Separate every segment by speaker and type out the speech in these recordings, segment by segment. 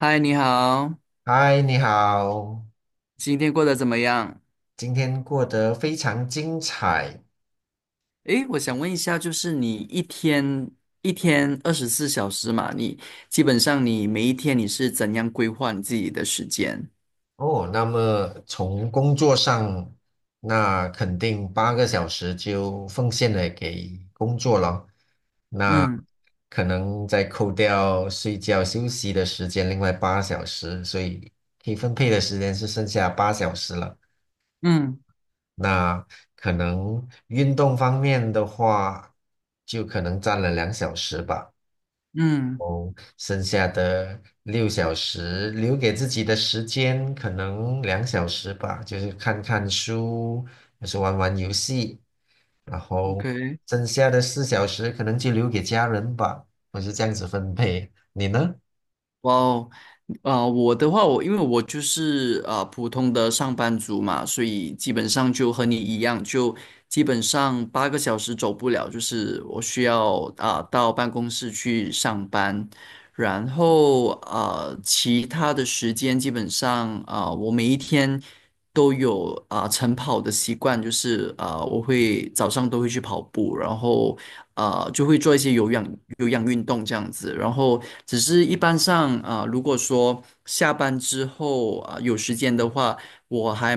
Speaker 1: 嗨，你好，
Speaker 2: 嗨，你好，
Speaker 1: 今天过得怎么样？
Speaker 2: 今天过得非常精彩
Speaker 1: 诶，我想问一下，就是你一天24小时嘛，你基本上你每一天你是怎样规划你自己的时间？
Speaker 2: 哦。那么从工作上，那肯定8个小时就奉献了给工作了。那
Speaker 1: 嗯
Speaker 2: 可能再扣掉睡觉休息的时间，另外八小时，所以可以分配的时间是剩下八小时了。
Speaker 1: 嗯
Speaker 2: 那可能运动方面的话，就可能占了两小时吧。
Speaker 1: 嗯
Speaker 2: 哦，剩下的6小时留给自己的时间可能两小时吧，就是看看书，就是玩玩游戏，然后
Speaker 1: ，OK。
Speaker 2: 剩下的4小时可能就留给家人吧，我是这样子分配。你呢？
Speaker 1: 哇哦，我的话，我因为我就是普通的上班族嘛，所以基本上就和你一样，就基本上8个小时走不了，就是我需要到办公室去上班，然后其他的时间基本上我每一天都有晨跑的习惯，就是我会早上都会去跑步，然后就会做一些有氧运动这样子。然后，只是一般上如果说下班之后有时间的话，我还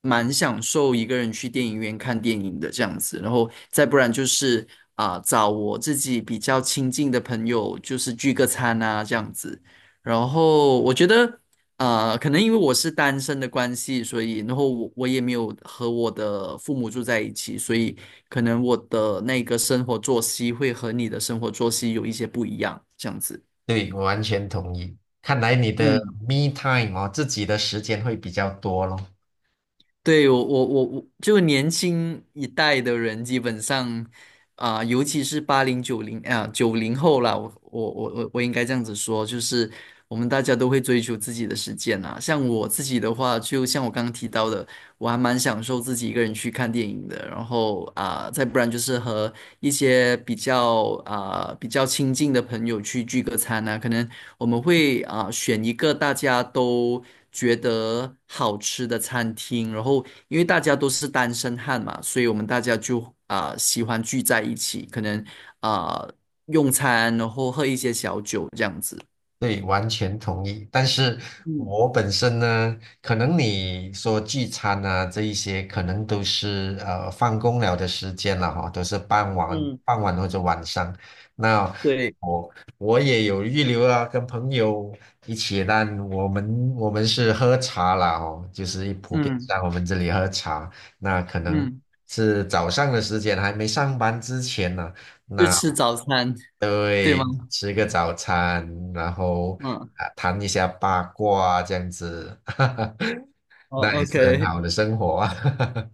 Speaker 1: 蛮享受一个人去电影院看电影的这样子。然后，再不然就是找我自己比较亲近的朋友，就是聚个餐啊这样子。然后我觉得可能因为我是单身的关系，所以然后我也没有和我的父母住在一起，所以可能我的那个生活作息会和你的生活作息有一些不一样，这样子。
Speaker 2: 对，我完全同意。看来你的
Speaker 1: 嗯，
Speaker 2: me time 哦，自己的时间会比较多咯。
Speaker 1: 对，我，就年轻一代的人，基本上尤其是八零九零九零后啦，我应该这样子说，就是我们大家都会追求自己的时间啊。像我自己的话，就像我刚刚提到的。我还蛮享受自己一个人去看电影的，然后再不然就是和一些比较比较亲近的朋友去聚个餐啊，可能我们会选一个大家都觉得好吃的餐厅，然后因为大家都是单身汉嘛，所以我们大家就喜欢聚在一起，可能啊、用餐，然后喝一些小酒这样子。
Speaker 2: 对，完全同意。但是
Speaker 1: 嗯
Speaker 2: 我本身呢，可能你说聚餐啊这一些，可能都是放工了的时间了哈，都是傍晚、
Speaker 1: 嗯，
Speaker 2: 傍晚或者晚上。那
Speaker 1: 对。
Speaker 2: 我我也有预留啊，跟朋友一起，但我们是喝茶啦哦，就是普遍
Speaker 1: 嗯
Speaker 2: 上我们这里喝茶，那可能
Speaker 1: 嗯，
Speaker 2: 是早上的时间，还没上班之前呢、
Speaker 1: 就吃早餐，对吗？
Speaker 2: 吃个早餐，然后
Speaker 1: 嗯。
Speaker 2: 啊谈一下八卦啊这样子，那
Speaker 1: 哦
Speaker 2: 也是很
Speaker 1: ，OK。
Speaker 2: 好的生活啊。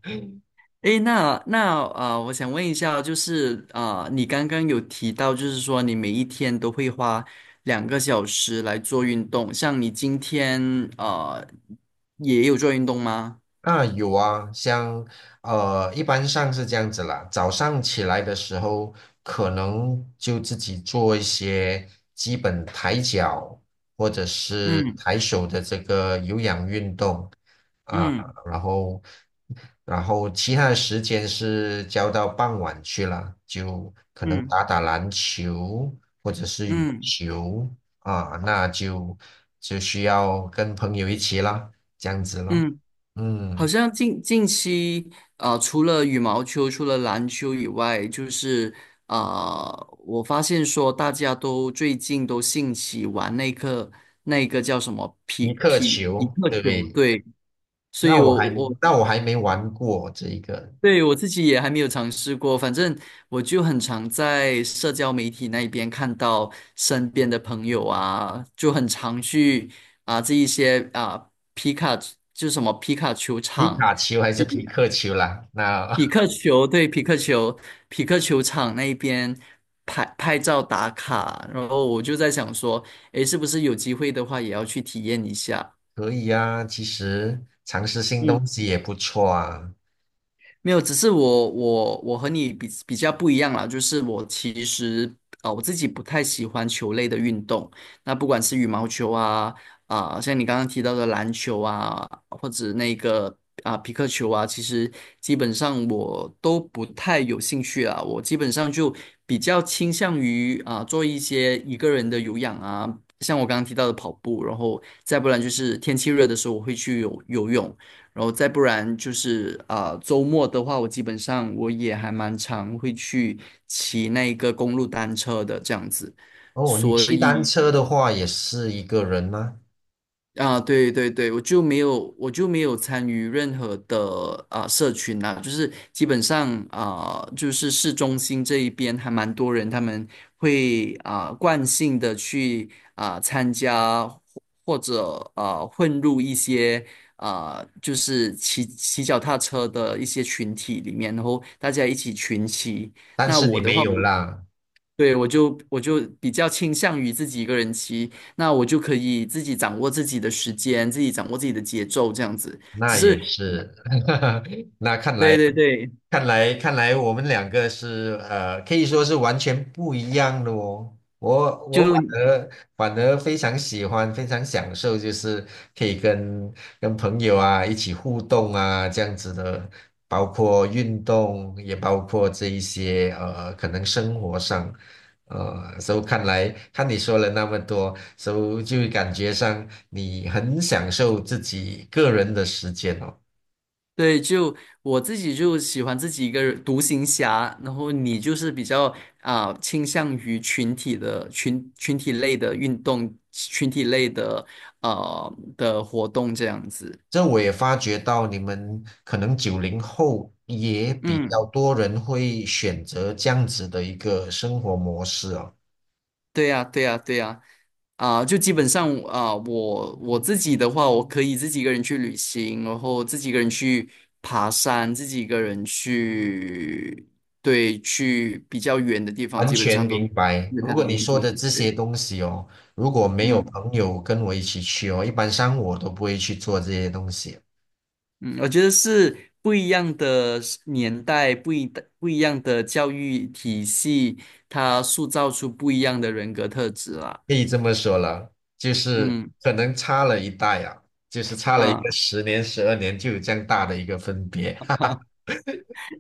Speaker 1: 诶，那我想问一下，就是你刚刚有提到，就是说你每一天都会花2个小时来做运动，像你今天呃也有做运动吗？
Speaker 2: 啊，有啊，像一般上是这样子啦。早上起来的时候，可能就自己做一些基本抬脚或者是抬手的这个有氧运动啊，
Speaker 1: 嗯
Speaker 2: 然后其他的时间是交到傍晚去了，就可能
Speaker 1: 嗯
Speaker 2: 打打篮球或者是羽
Speaker 1: 嗯
Speaker 2: 球啊，那就需要跟朋友一起啦，这样子
Speaker 1: 嗯
Speaker 2: 咯，
Speaker 1: 嗯嗯。好
Speaker 2: 嗯。
Speaker 1: 像近期，啊，除了羽毛球、除了篮球以外，就是啊，我发现说大家都最近都兴起玩那个那个叫什么
Speaker 2: 皮
Speaker 1: 匹
Speaker 2: 克
Speaker 1: 匹匹
Speaker 2: 球，
Speaker 1: 克
Speaker 2: 对不
Speaker 1: 球，
Speaker 2: 对？
Speaker 1: 对，所
Speaker 2: 那
Speaker 1: 以
Speaker 2: 我还
Speaker 1: 我
Speaker 2: 没玩过这一个
Speaker 1: 对我自己也还没有尝试过，反正我就很常在社交媒体那边看到身边的朋友啊，就很常去这一些皮卡就是什么皮卡球
Speaker 2: 皮
Speaker 1: 场。
Speaker 2: 卡丘还是皮克球啦。
Speaker 1: 匹克球，对，匹克球，匹克球场那边拍拍照打卡，然后我就在想说，诶，是不是有机会的话也要去体验一下？
Speaker 2: 可以啊，其实尝试新
Speaker 1: 嗯。
Speaker 2: 东西也不错啊。
Speaker 1: 没有，只是我和你比较不一样啦，就是我其实我自己不太喜欢球类的运动，那不管是羽毛球啊像你刚刚提到的篮球啊，或者那个皮克球啊，其实基本上我都不太有兴趣啊，我基本上就比较倾向于做一些一个人的有氧啊，像我刚刚提到的跑步，然后再不然就是天气热的时候我会去游泳。然后再不然就是周末的话，我基本上我也还蛮常会去骑那个公路单车的这样子，
Speaker 2: 哦，你
Speaker 1: 所
Speaker 2: 骑单
Speaker 1: 以
Speaker 2: 车的话也是一个人吗？
Speaker 1: 啊，对对对，我就没有，我就没有参与任何的社群啦，就是基本上就是市中心这一边还蛮多人，他们会惯性的去参加或者混入一些就是骑脚踏车的一些群体里面，然后大家一起群骑。
Speaker 2: 但
Speaker 1: 那
Speaker 2: 是你
Speaker 1: 我的
Speaker 2: 没
Speaker 1: 话，
Speaker 2: 有
Speaker 1: 我
Speaker 2: 啦，
Speaker 1: 对，我就比较倾向于自己一个人骑，那我就可以自己掌握自己的时间，自己掌握自己的节奏，这样子。只
Speaker 2: 那也
Speaker 1: 是，
Speaker 2: 是，那看
Speaker 1: 对
Speaker 2: 来。
Speaker 1: 对对，
Speaker 2: 看来我们两个是可以说是完全不一样的哦。我
Speaker 1: 就
Speaker 2: 我而反而非常喜欢，非常享受，就是可以跟朋友啊一起互动啊这样子的，包括运动，也包括这一些可能生活上，所以看来看你说了那么多，所以就感觉上你很享受自己个人的时间哦。
Speaker 1: 对，就我自己就喜欢自己一个人独行侠，然后你就是比较倾向于群体类的运动，群体类的的活动这样子。
Speaker 2: 这我也发觉到，你们可能90后也比
Speaker 1: 嗯。
Speaker 2: 较多人会选择这样子的一个生活模式哦。
Speaker 1: 对呀，对呀，对呀，啊，就基本上啊，我自己的话，我可以自己一个人去旅行，然后自己一个人去爬山，自己一个人去，对，去比较远的地方，
Speaker 2: 完
Speaker 1: 基本
Speaker 2: 全
Speaker 1: 上都
Speaker 2: 明
Speaker 1: 没
Speaker 2: 白。
Speaker 1: 有
Speaker 2: 如
Speaker 1: 太大
Speaker 2: 果
Speaker 1: 的
Speaker 2: 你
Speaker 1: 问
Speaker 2: 说
Speaker 1: 题。
Speaker 2: 的这
Speaker 1: 对，
Speaker 2: 些东西哦，如果没有
Speaker 1: 嗯
Speaker 2: 朋友跟我一起去哦，一般上我都不会去做这些东西。
Speaker 1: 嗯，我觉得是不一样的年代，不一样的教育体系，它塑造出不一样的人格特质啦。
Speaker 2: 可以这么说了，就是
Speaker 1: 嗯
Speaker 2: 可能差了一代啊，就是差了一个
Speaker 1: 啊。
Speaker 2: 10年、12年，就有这样大的一个分别。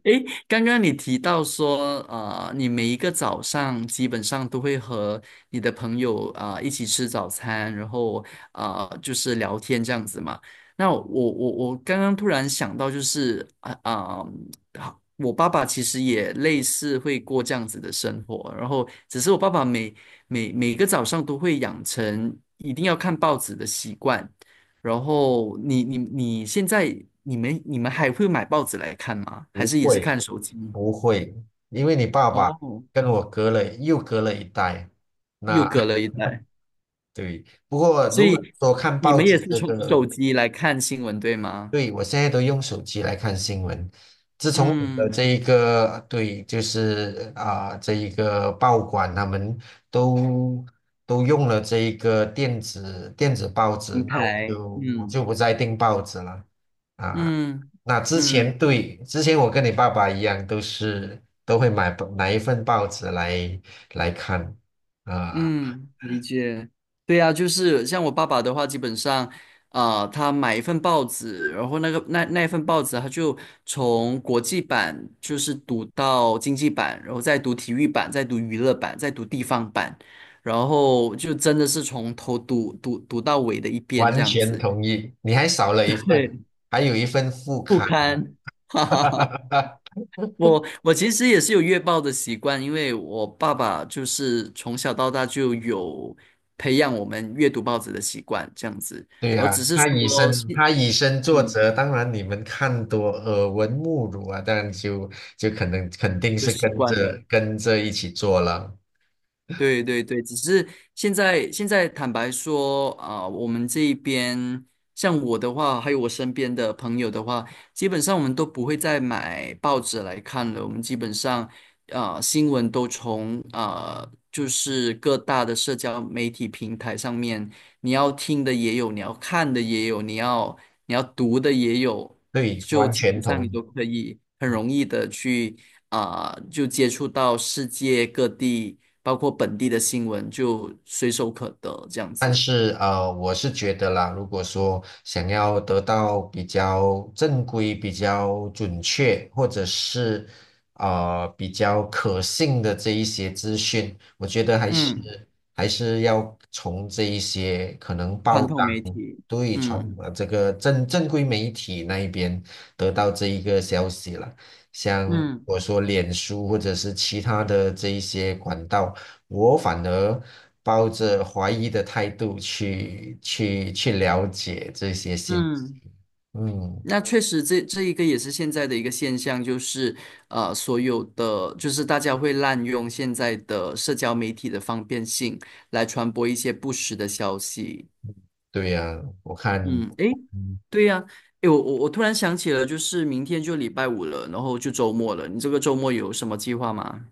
Speaker 1: 诶，刚刚你提到说，你每一个早上基本上都会和你的朋友一起吃早餐，然后就是聊天这样子嘛。那我刚刚突然想到，就是好我爸爸其实也类似会过这样子的生活，然后只是我爸爸每个早上都会养成一定要看报纸的习惯。然后你现在你们还会买报纸来看吗？还
Speaker 2: 不
Speaker 1: 是也是
Speaker 2: 会，
Speaker 1: 看手机？
Speaker 2: 不会，因为你爸爸
Speaker 1: 哦，
Speaker 2: 跟我隔了又隔了一代。
Speaker 1: 又
Speaker 2: 那
Speaker 1: 隔了一代，
Speaker 2: 对，不过
Speaker 1: 所
Speaker 2: 如果
Speaker 1: 以
Speaker 2: 说看
Speaker 1: 你
Speaker 2: 报
Speaker 1: 们也
Speaker 2: 纸
Speaker 1: 是
Speaker 2: 这
Speaker 1: 从手
Speaker 2: 个。
Speaker 1: 机来看新闻，对吗？
Speaker 2: 对，我现在都用手机来看新闻。自从有了
Speaker 1: 嗯，
Speaker 2: 这一个，对，就是啊、这一个报馆他们都都用了这一个电子报纸，
Speaker 1: 明
Speaker 2: 那我
Speaker 1: 白。
Speaker 2: 就我就
Speaker 1: 嗯
Speaker 2: 不再订报纸了啊。
Speaker 1: 嗯
Speaker 2: 那之前
Speaker 1: 嗯，
Speaker 2: 对，之前我跟你爸爸一样，都会买一份报纸来看啊，
Speaker 1: 嗯，理解。对呀，就是像我爸爸的话，基本上，他买一份报纸，然后那个那份报纸，他就从国际版就是读到经济版，然后再读体育版，再读娱乐版，再读地方版，然后就真的是从头读到尾的一边这
Speaker 2: 完
Speaker 1: 样
Speaker 2: 全
Speaker 1: 子。
Speaker 2: 同意。你还少了一 份，
Speaker 1: 对，
Speaker 2: 还有一份副
Speaker 1: 不
Speaker 2: 刊。
Speaker 1: 堪，哈哈哈。我其实也是有阅报的习惯，因为我爸爸就是从小到大就有培养我们阅读报纸的习惯，这样子。
Speaker 2: 对
Speaker 1: 然后
Speaker 2: 呀、
Speaker 1: 只是
Speaker 2: 他以
Speaker 1: 说是，
Speaker 2: 身他以身作
Speaker 1: 嗯，
Speaker 2: 则，当然你们看多耳闻目睹啊，当然就可能肯定
Speaker 1: 就
Speaker 2: 是
Speaker 1: 习
Speaker 2: 跟
Speaker 1: 惯了。
Speaker 2: 着跟着一起做了。
Speaker 1: 对对对，只是现在坦白说我们这一边像我的话，还有我身边的朋友的话，基本上我们都不会再买报纸来看了。我们基本上新闻都从就是各大的社交媒体平台上面，你要听的也有，你要看的也有，你要读的也有，
Speaker 2: 对，
Speaker 1: 就
Speaker 2: 完
Speaker 1: 基
Speaker 2: 全
Speaker 1: 本上
Speaker 2: 同
Speaker 1: 你
Speaker 2: 意。
Speaker 1: 都可以很容易的去，就接触到世界各地，包括本地的新闻，就随手可得这样
Speaker 2: 但
Speaker 1: 子。
Speaker 2: 是我是觉得啦，如果说想要得到比较正规、比较准确，或者是比较可信的这一些资讯，我觉得还是
Speaker 1: 嗯，
Speaker 2: 还是要从这一些可能
Speaker 1: 传
Speaker 2: 报
Speaker 1: 统媒
Speaker 2: 章
Speaker 1: 体，
Speaker 2: 对传统
Speaker 1: 嗯。
Speaker 2: 的这个正规媒体那一边得到这一个消息了。像
Speaker 1: 嗯
Speaker 2: 我说脸书或者是其他的这一些管道，我反而抱着怀疑的态度去了解这些信息。
Speaker 1: 嗯，
Speaker 2: 嗯，
Speaker 1: 那确实这一个也是现在的一个现象，就是所有的就是大家会滥用现在的社交媒体的方便性来传播一些不实的消息。
Speaker 2: 对呀，我看，
Speaker 1: 嗯，诶，
Speaker 2: 嗯，
Speaker 1: 对呀，诶，我突然想起了，就是明天就礼拜五了，然后就周末了，你这个周末有什么计划吗？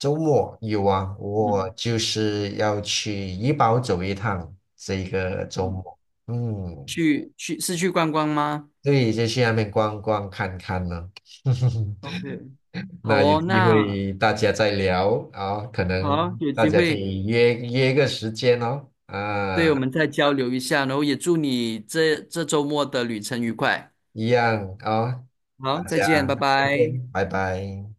Speaker 2: 周末有啊，我
Speaker 1: 嗯
Speaker 2: 就是要去怡宝走一趟，这个周
Speaker 1: 嗯，
Speaker 2: 末。嗯，
Speaker 1: 去是去观光吗
Speaker 2: 对，就去那边逛逛看看呢。
Speaker 1: ？OK,好
Speaker 2: 那有
Speaker 1: 哦，
Speaker 2: 机
Speaker 1: 那
Speaker 2: 会大家再聊啊，可
Speaker 1: 好
Speaker 2: 能
Speaker 1: 啊有
Speaker 2: 大
Speaker 1: 机
Speaker 2: 家可
Speaker 1: 会
Speaker 2: 以约约个时间哦，
Speaker 1: 对
Speaker 2: 啊，
Speaker 1: 我们再交流一下，然后也祝你这周末的旅程愉快。
Speaker 2: 一样啊，大
Speaker 1: 好，再
Speaker 2: 家
Speaker 1: 见，拜拜。
Speaker 2: ，OK,拜拜。